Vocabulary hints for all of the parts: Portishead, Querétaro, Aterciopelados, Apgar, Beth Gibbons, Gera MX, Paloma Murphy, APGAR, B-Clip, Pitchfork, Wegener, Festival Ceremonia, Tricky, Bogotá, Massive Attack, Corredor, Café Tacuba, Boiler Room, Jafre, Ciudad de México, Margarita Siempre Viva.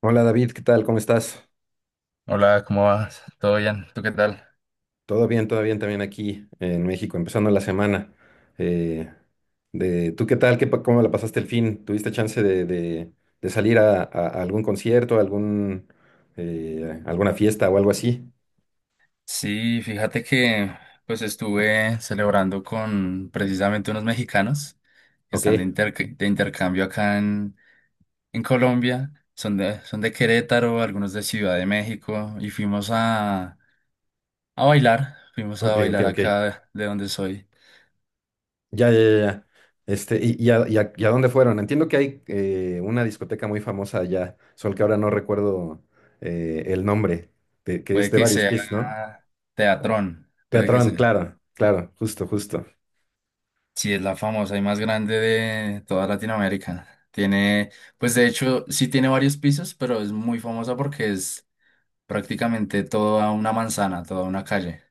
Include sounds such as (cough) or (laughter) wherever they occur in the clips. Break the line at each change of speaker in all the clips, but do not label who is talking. Hola David, ¿qué tal? ¿Cómo estás?
Hola, ¿cómo vas? ¿Todo bien? ¿Tú qué tal?
Todo bien también aquí en México, empezando la semana. Eh, ¿Tú qué tal? ¿Cómo la pasaste el fin? ¿Tuviste chance de salir a algún concierto, alguna fiesta o algo así?
Sí, fíjate que pues estuve celebrando con precisamente unos mexicanos que
Ok,
están de intercambio acá en Colombia. Son de Querétaro, algunos de Ciudad de México y fuimos a bailar. Fuimos a
ok, ok,
bailar
ok.
acá de donde soy.
Ya, ya, ya, ya. ¿Y a dónde fueron? Entiendo que hay una discoteca muy famosa allá, solo que ahora no recuerdo el nombre, que es
Puede
de
que
varios
sea
pisos, ¿no?
teatrón, puede que
Teatrón,
sea.
claro, claro, justo, justo.
Sí, es la famosa y más grande de toda Latinoamérica. Tiene, pues de hecho, sí tiene varios pisos, pero es muy famosa porque es prácticamente toda una manzana, toda una calle.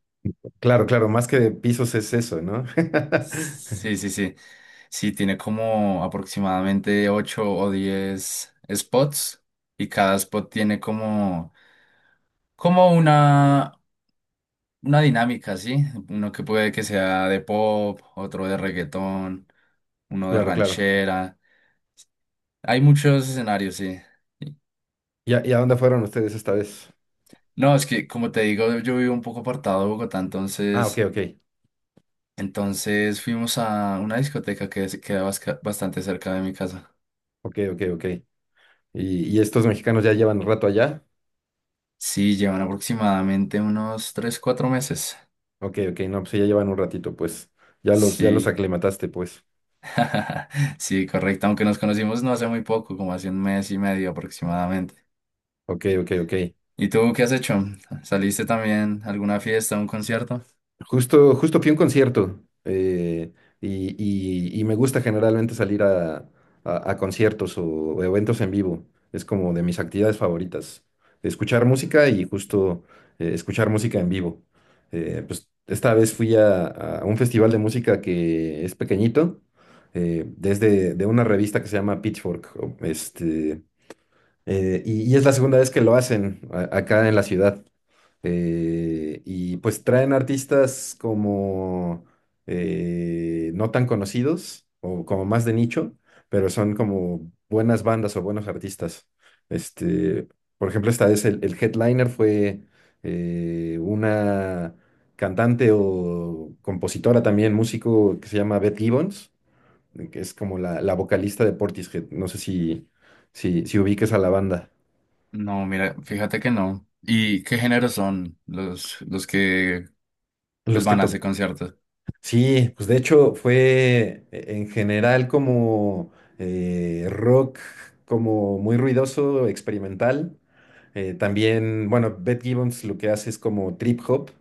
Claro, claro, más que de pisos es eso, ¿no? (laughs)
Sí, sí, sí. Sí, tiene como aproximadamente 8 o 10 spots y cada spot tiene como una dinámica, ¿sí? Uno que puede que sea de pop, otro de reggaetón, uno de
Claro, claro.
ranchera. Hay muchos escenarios, sí.
¿Y a dónde fueron ustedes esta vez?
No, es que como te digo, yo vivo un poco apartado de Bogotá,
Ah, ok,
entonces,
ok,
entonces fuimos a una discoteca que bastante cerca de mi casa.
ok, ok, ok. ¿Y estos mexicanos ya llevan un rato allá?
Sí, llevan aproximadamente unos 3 4 meses.
Ok, ok, no, pues sí, ya llevan un ratito, pues. Ya los
Sí,
aclimataste, pues.
(laughs) sí, correcto, aunque nos conocimos no hace muy poco, como hace un mes y medio aproximadamente.
Ok, ok, ok.
¿Y tú qué has hecho? ¿Saliste también a alguna fiesta, a un concierto?
Justo, justo fui a un concierto, y, y me gusta generalmente salir a conciertos o eventos en vivo. Es como de mis actividades favoritas. Escuchar música y justo escuchar música en vivo. Pues esta vez fui a un festival de música que es pequeñito, desde de una revista que se llama Pitchfork. Y es la segunda vez que lo hacen acá en la ciudad. Y pues traen artistas como no tan conocidos o como más de nicho, pero son como buenas bandas o buenos artistas. Este, por ejemplo, esta vez el headliner fue una cantante o compositora también, músico que se llama Beth Gibbons, que es como la vocalista de Portishead. No sé si ubiques a la banda.
No, mira, fíjate que no. ¿Y qué géneros son los que pues
Los que,
van a ese
to-
concierto?
Sí, pues de hecho fue en general como rock, como muy ruidoso, experimental. También, bueno, Beth Gibbons lo que hace es como trip hop,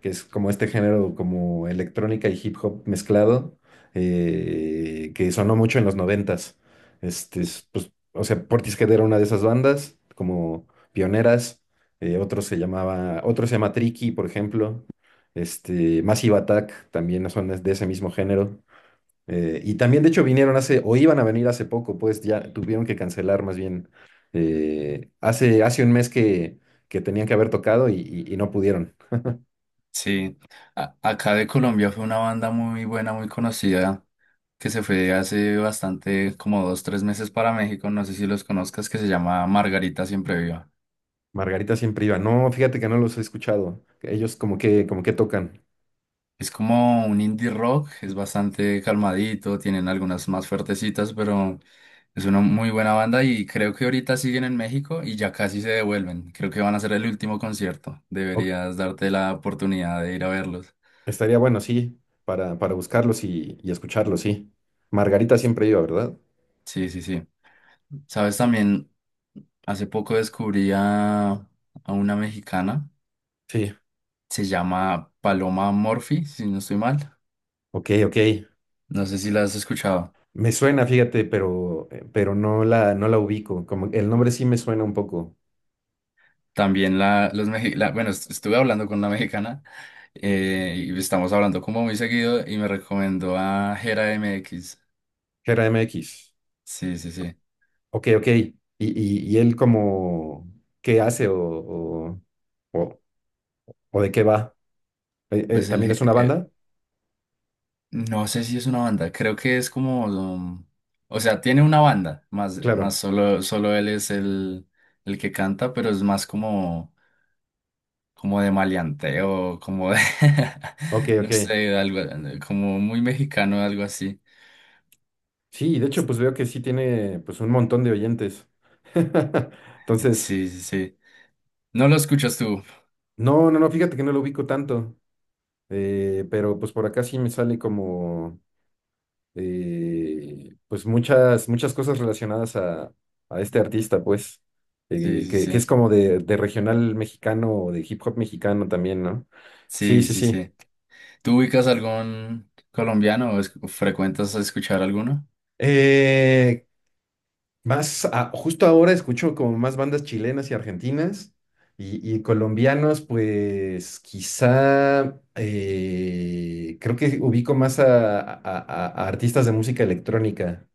que es como este género como electrónica y hip hop mezclado, que sonó mucho en los noventas. Pues, o sea, Portishead era una de esas bandas, como pioneras. Otro se llama Tricky, por ejemplo. Massive Attack también son de ese mismo género. Y también, de hecho, vinieron hace, o iban a venir hace poco, pues ya tuvieron que cancelar más bien. Hace un mes que tenían que haber tocado y no pudieron.
Sí, acá de Colombia fue una banda muy buena, muy conocida, que se fue hace bastante, como dos, tres meses para México, no sé si los conozcas, que se llama Margarita Siempre Viva.
Margarita siempre iba. No, fíjate que no los he escuchado. Ellos como que tocan.
Es como un indie rock, es bastante calmadito, tienen algunas más fuertecitas, pero es una muy buena banda y creo que ahorita siguen en México y ya casi se devuelven. Creo que van a ser el último concierto,
O-
deberías darte la oportunidad de ir a verlos.
Estaría bueno, sí, para buscarlos y escucharlos, sí. Margarita siempre iba, ¿verdad?
Sí, sí, sí. Sabes, también hace poco descubrí a una mexicana,
Sí.
se llama Paloma Murphy, si no estoy mal.
Ok, ok.
No sé si la has escuchado.
Me suena, fíjate, pero no la ubico. Como el nombre sí me suena un poco.
También la, los mexi- la- bueno, est- Estuve hablando con una mexicana y estamos hablando como muy seguido y me recomendó a Gera MX.
Gera MX.
Sí, sí, sí.
Ok, ok. ¿Y él como qué hace o- o de qué va?
Pues
¿También es una banda?
No sé si es una banda, creo que es como, o sea, tiene una banda,
Claro.
solo él es el que canta, pero es más como de maleanteo, como de,
Ok,
(laughs) no
ok.
sé, algo, como muy mexicano, algo así.
Sí, de hecho, pues veo que sí tiene pues un montón de oyentes. (laughs) Entonces,
Sí, sí, sí. No lo escuchas tú.
no, no, no, fíjate que no lo ubico tanto. Pero pues por acá sí me sale como. Pues muchas cosas relacionadas a este artista, pues,
Sí,
eh,
sí,
que, que es
sí.
como de regional mexicano o de hip hop mexicano también, ¿no? Sí,
Sí,
sí,
sí,
sí.
sí. ¿Tú ubicas algún colombiano o frecuentas escuchar alguno?
Eh, Más, justo ahora escucho como más bandas chilenas y argentinas y colombianos, pues quizá creo que ubico más a artistas de música electrónica.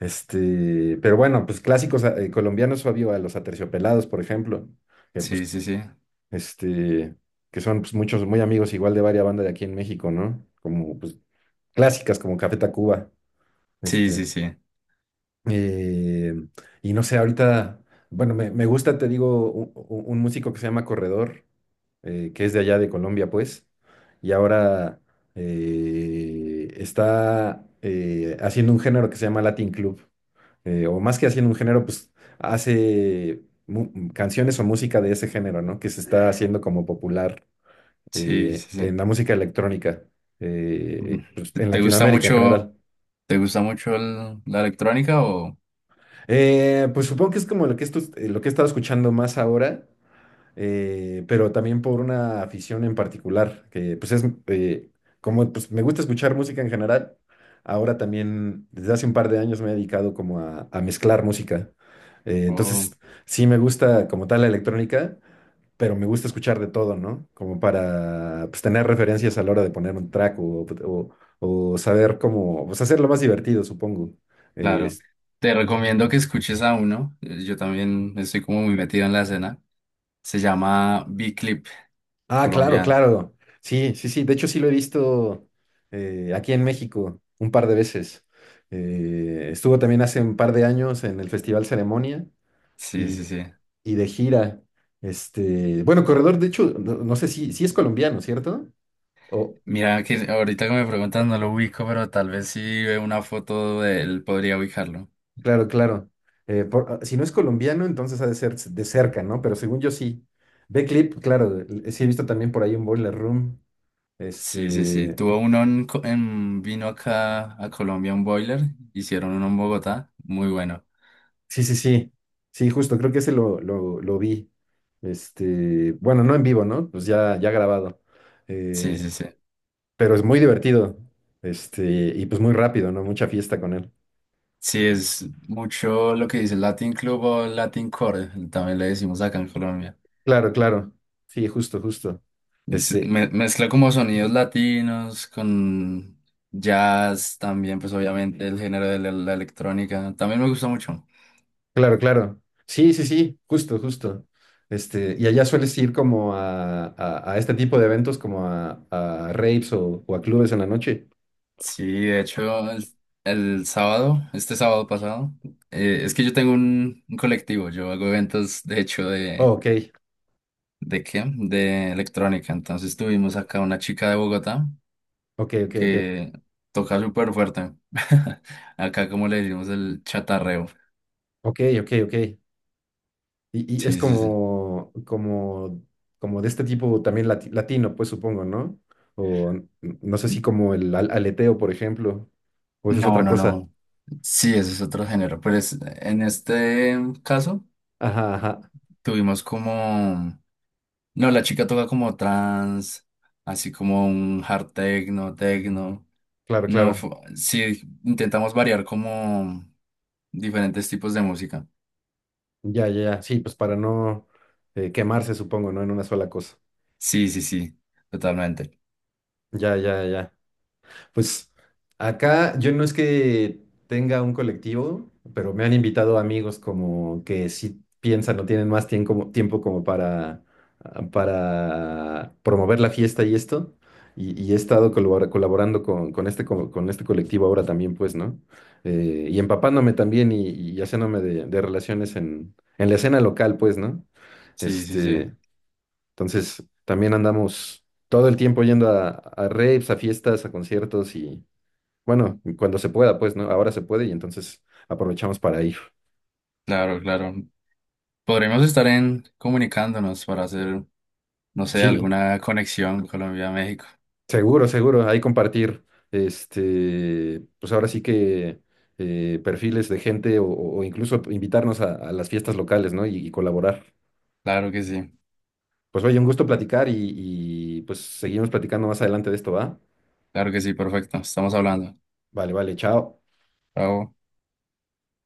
Pero bueno, pues clásicos colombianos, Fabio, a los Aterciopelados, por ejemplo, que
Sí,
pues,
sí, sí.
este, que son pues, muchos muy amigos igual de varias bandas de aquí en México, ¿no? Como pues clásicas como Café Tacuba.
Sí,
Este,
sí, sí.
eh, y no sé, ahorita, bueno, me gusta, te digo, un, músico que se llama Corredor, que es de allá de Colombia, pues, y ahora está haciendo un género que se llama Latin Club, o más que haciendo un género, pues hace canciones o música de ese género, ¿no? Que se está haciendo como popular
Sí, sí, sí.
en la música electrónica,
Mm.
pues,
¿Te
en
te gusta
Latinoamérica en
mucho,
general.
te gusta mucho la electrónica o,
Pues supongo que es como lo que he estado escuchando más ahora, pero también por una afición en particular, que pues es, como pues, me gusta escuchar música en general, ahora también desde hace un par de años me he dedicado como a mezclar música.
o-
Entonces sí me gusta como tal la electrónica, pero me gusta escuchar de todo, ¿no? Como para pues, tener referencias a la hora de poner un track o saber cómo, pues hacerlo más divertido, supongo.
claro. Te recomiendo que escuches a uno. Yo también estoy como muy metido en la escena. Se llama B-Clip,
Ah, claro,
colombiano.
claro. Sí, sí, sí. De hecho, sí lo he visto aquí en México un par de veces. Estuvo también hace un par de años en el Festival Ceremonia
Sí, sí,
y,
sí.
y de gira. Bueno, Corredor, de hecho, no, no sé si es colombiano, ¿cierto? O,
Mira que ahorita que me preguntas no lo ubico, pero tal vez si veo una foto de él podría ubicarlo.
claro, claro. Si no es colombiano, entonces ha de ser de cerca, ¿no? Pero según yo sí. Clip, claro, sí he visto también por ahí un Boiler Room.
Sí, sí, sí.
Este.
Tuvo uno en vino acá a Colombia, un boiler. Hicieron uno en Bogotá. Muy bueno.
Sí, sí, sí. Sí, justo, creo que ese lo vi. Bueno, no en vivo, ¿no? Pues ya grabado.
Sí,
Eh,
sí, sí.
pero es muy divertido. Este, y pues muy rápido, ¿no? Mucha fiesta con él.
Sí, es mucho lo que dice Latin Club o Latin Core. También le decimos acá en Colombia.
Claro, claro. Sí, justo, justo. Este,
Mezcla como sonidos latinos con jazz también, pues obviamente el género de la electrónica. También me gusta mucho.
claro, claro. Sí, sí, sí, justo, justo. ¿Y allá sueles ir como a este tipo de eventos, como a raves o a clubes en la noche?
Sí, de hecho, el sábado, este sábado pasado, es que yo tengo un colectivo, yo hago eventos, de hecho,
Oh, ok,
¿de qué? De electrónica. Entonces tuvimos acá una chica de Bogotá
ok, ok, ok.
que toca súper fuerte. (laughs) Acá como le decimos el chatarreo.
Ok, ok, ok. Y es
Sí, sí, sí.
como, de este tipo también latino, pues supongo, ¿no? O no sé si, como el aleteo, por ejemplo, o eso es
No,
otra
no,
cosa.
no. Sí, ese es otro género. Pero en este caso
Ajá, ajá,
tuvimos como... No, la chica toca como trans, así como un hard techno, techno.
claro,
No,
claro.
sí, intentamos variar como diferentes tipos de música.
Ya, ya, ya. Sí, pues para no quemarse, supongo, ¿no? En una sola cosa.
Sí, sí, sí, totalmente.
Ya, ya, ya. Pues acá yo no es que tenga un colectivo, pero me han invitado amigos como que sí piensan o tienen más tiempo como para promover la fiesta y esto. Y he estado colaborando con este colectivo ahora también, pues, ¿no? Y empapándome también y haciéndome de relaciones en la escena local, pues, ¿no?
Sí, sí, sí.
Este, entonces, también andamos todo el tiempo yendo a raves, a fiestas, a conciertos bueno, cuando se pueda, pues, ¿no? Ahora se puede y entonces aprovechamos para ir.
Claro, claro. Podremos estar en comunicándonos para hacer, no sé,
Sí,
alguna conexión Colombia-México.
seguro, seguro. Ahí compartir, pues ahora sí que perfiles de gente o incluso invitarnos a las fiestas locales, ¿no? Y colaborar.
Claro que sí,
Pues oye, un gusto platicar y pues seguimos platicando más adelante de esto, ¿va?
claro que sí, perfecto. Estamos hablando.
Vale, vale, chao.
Chao.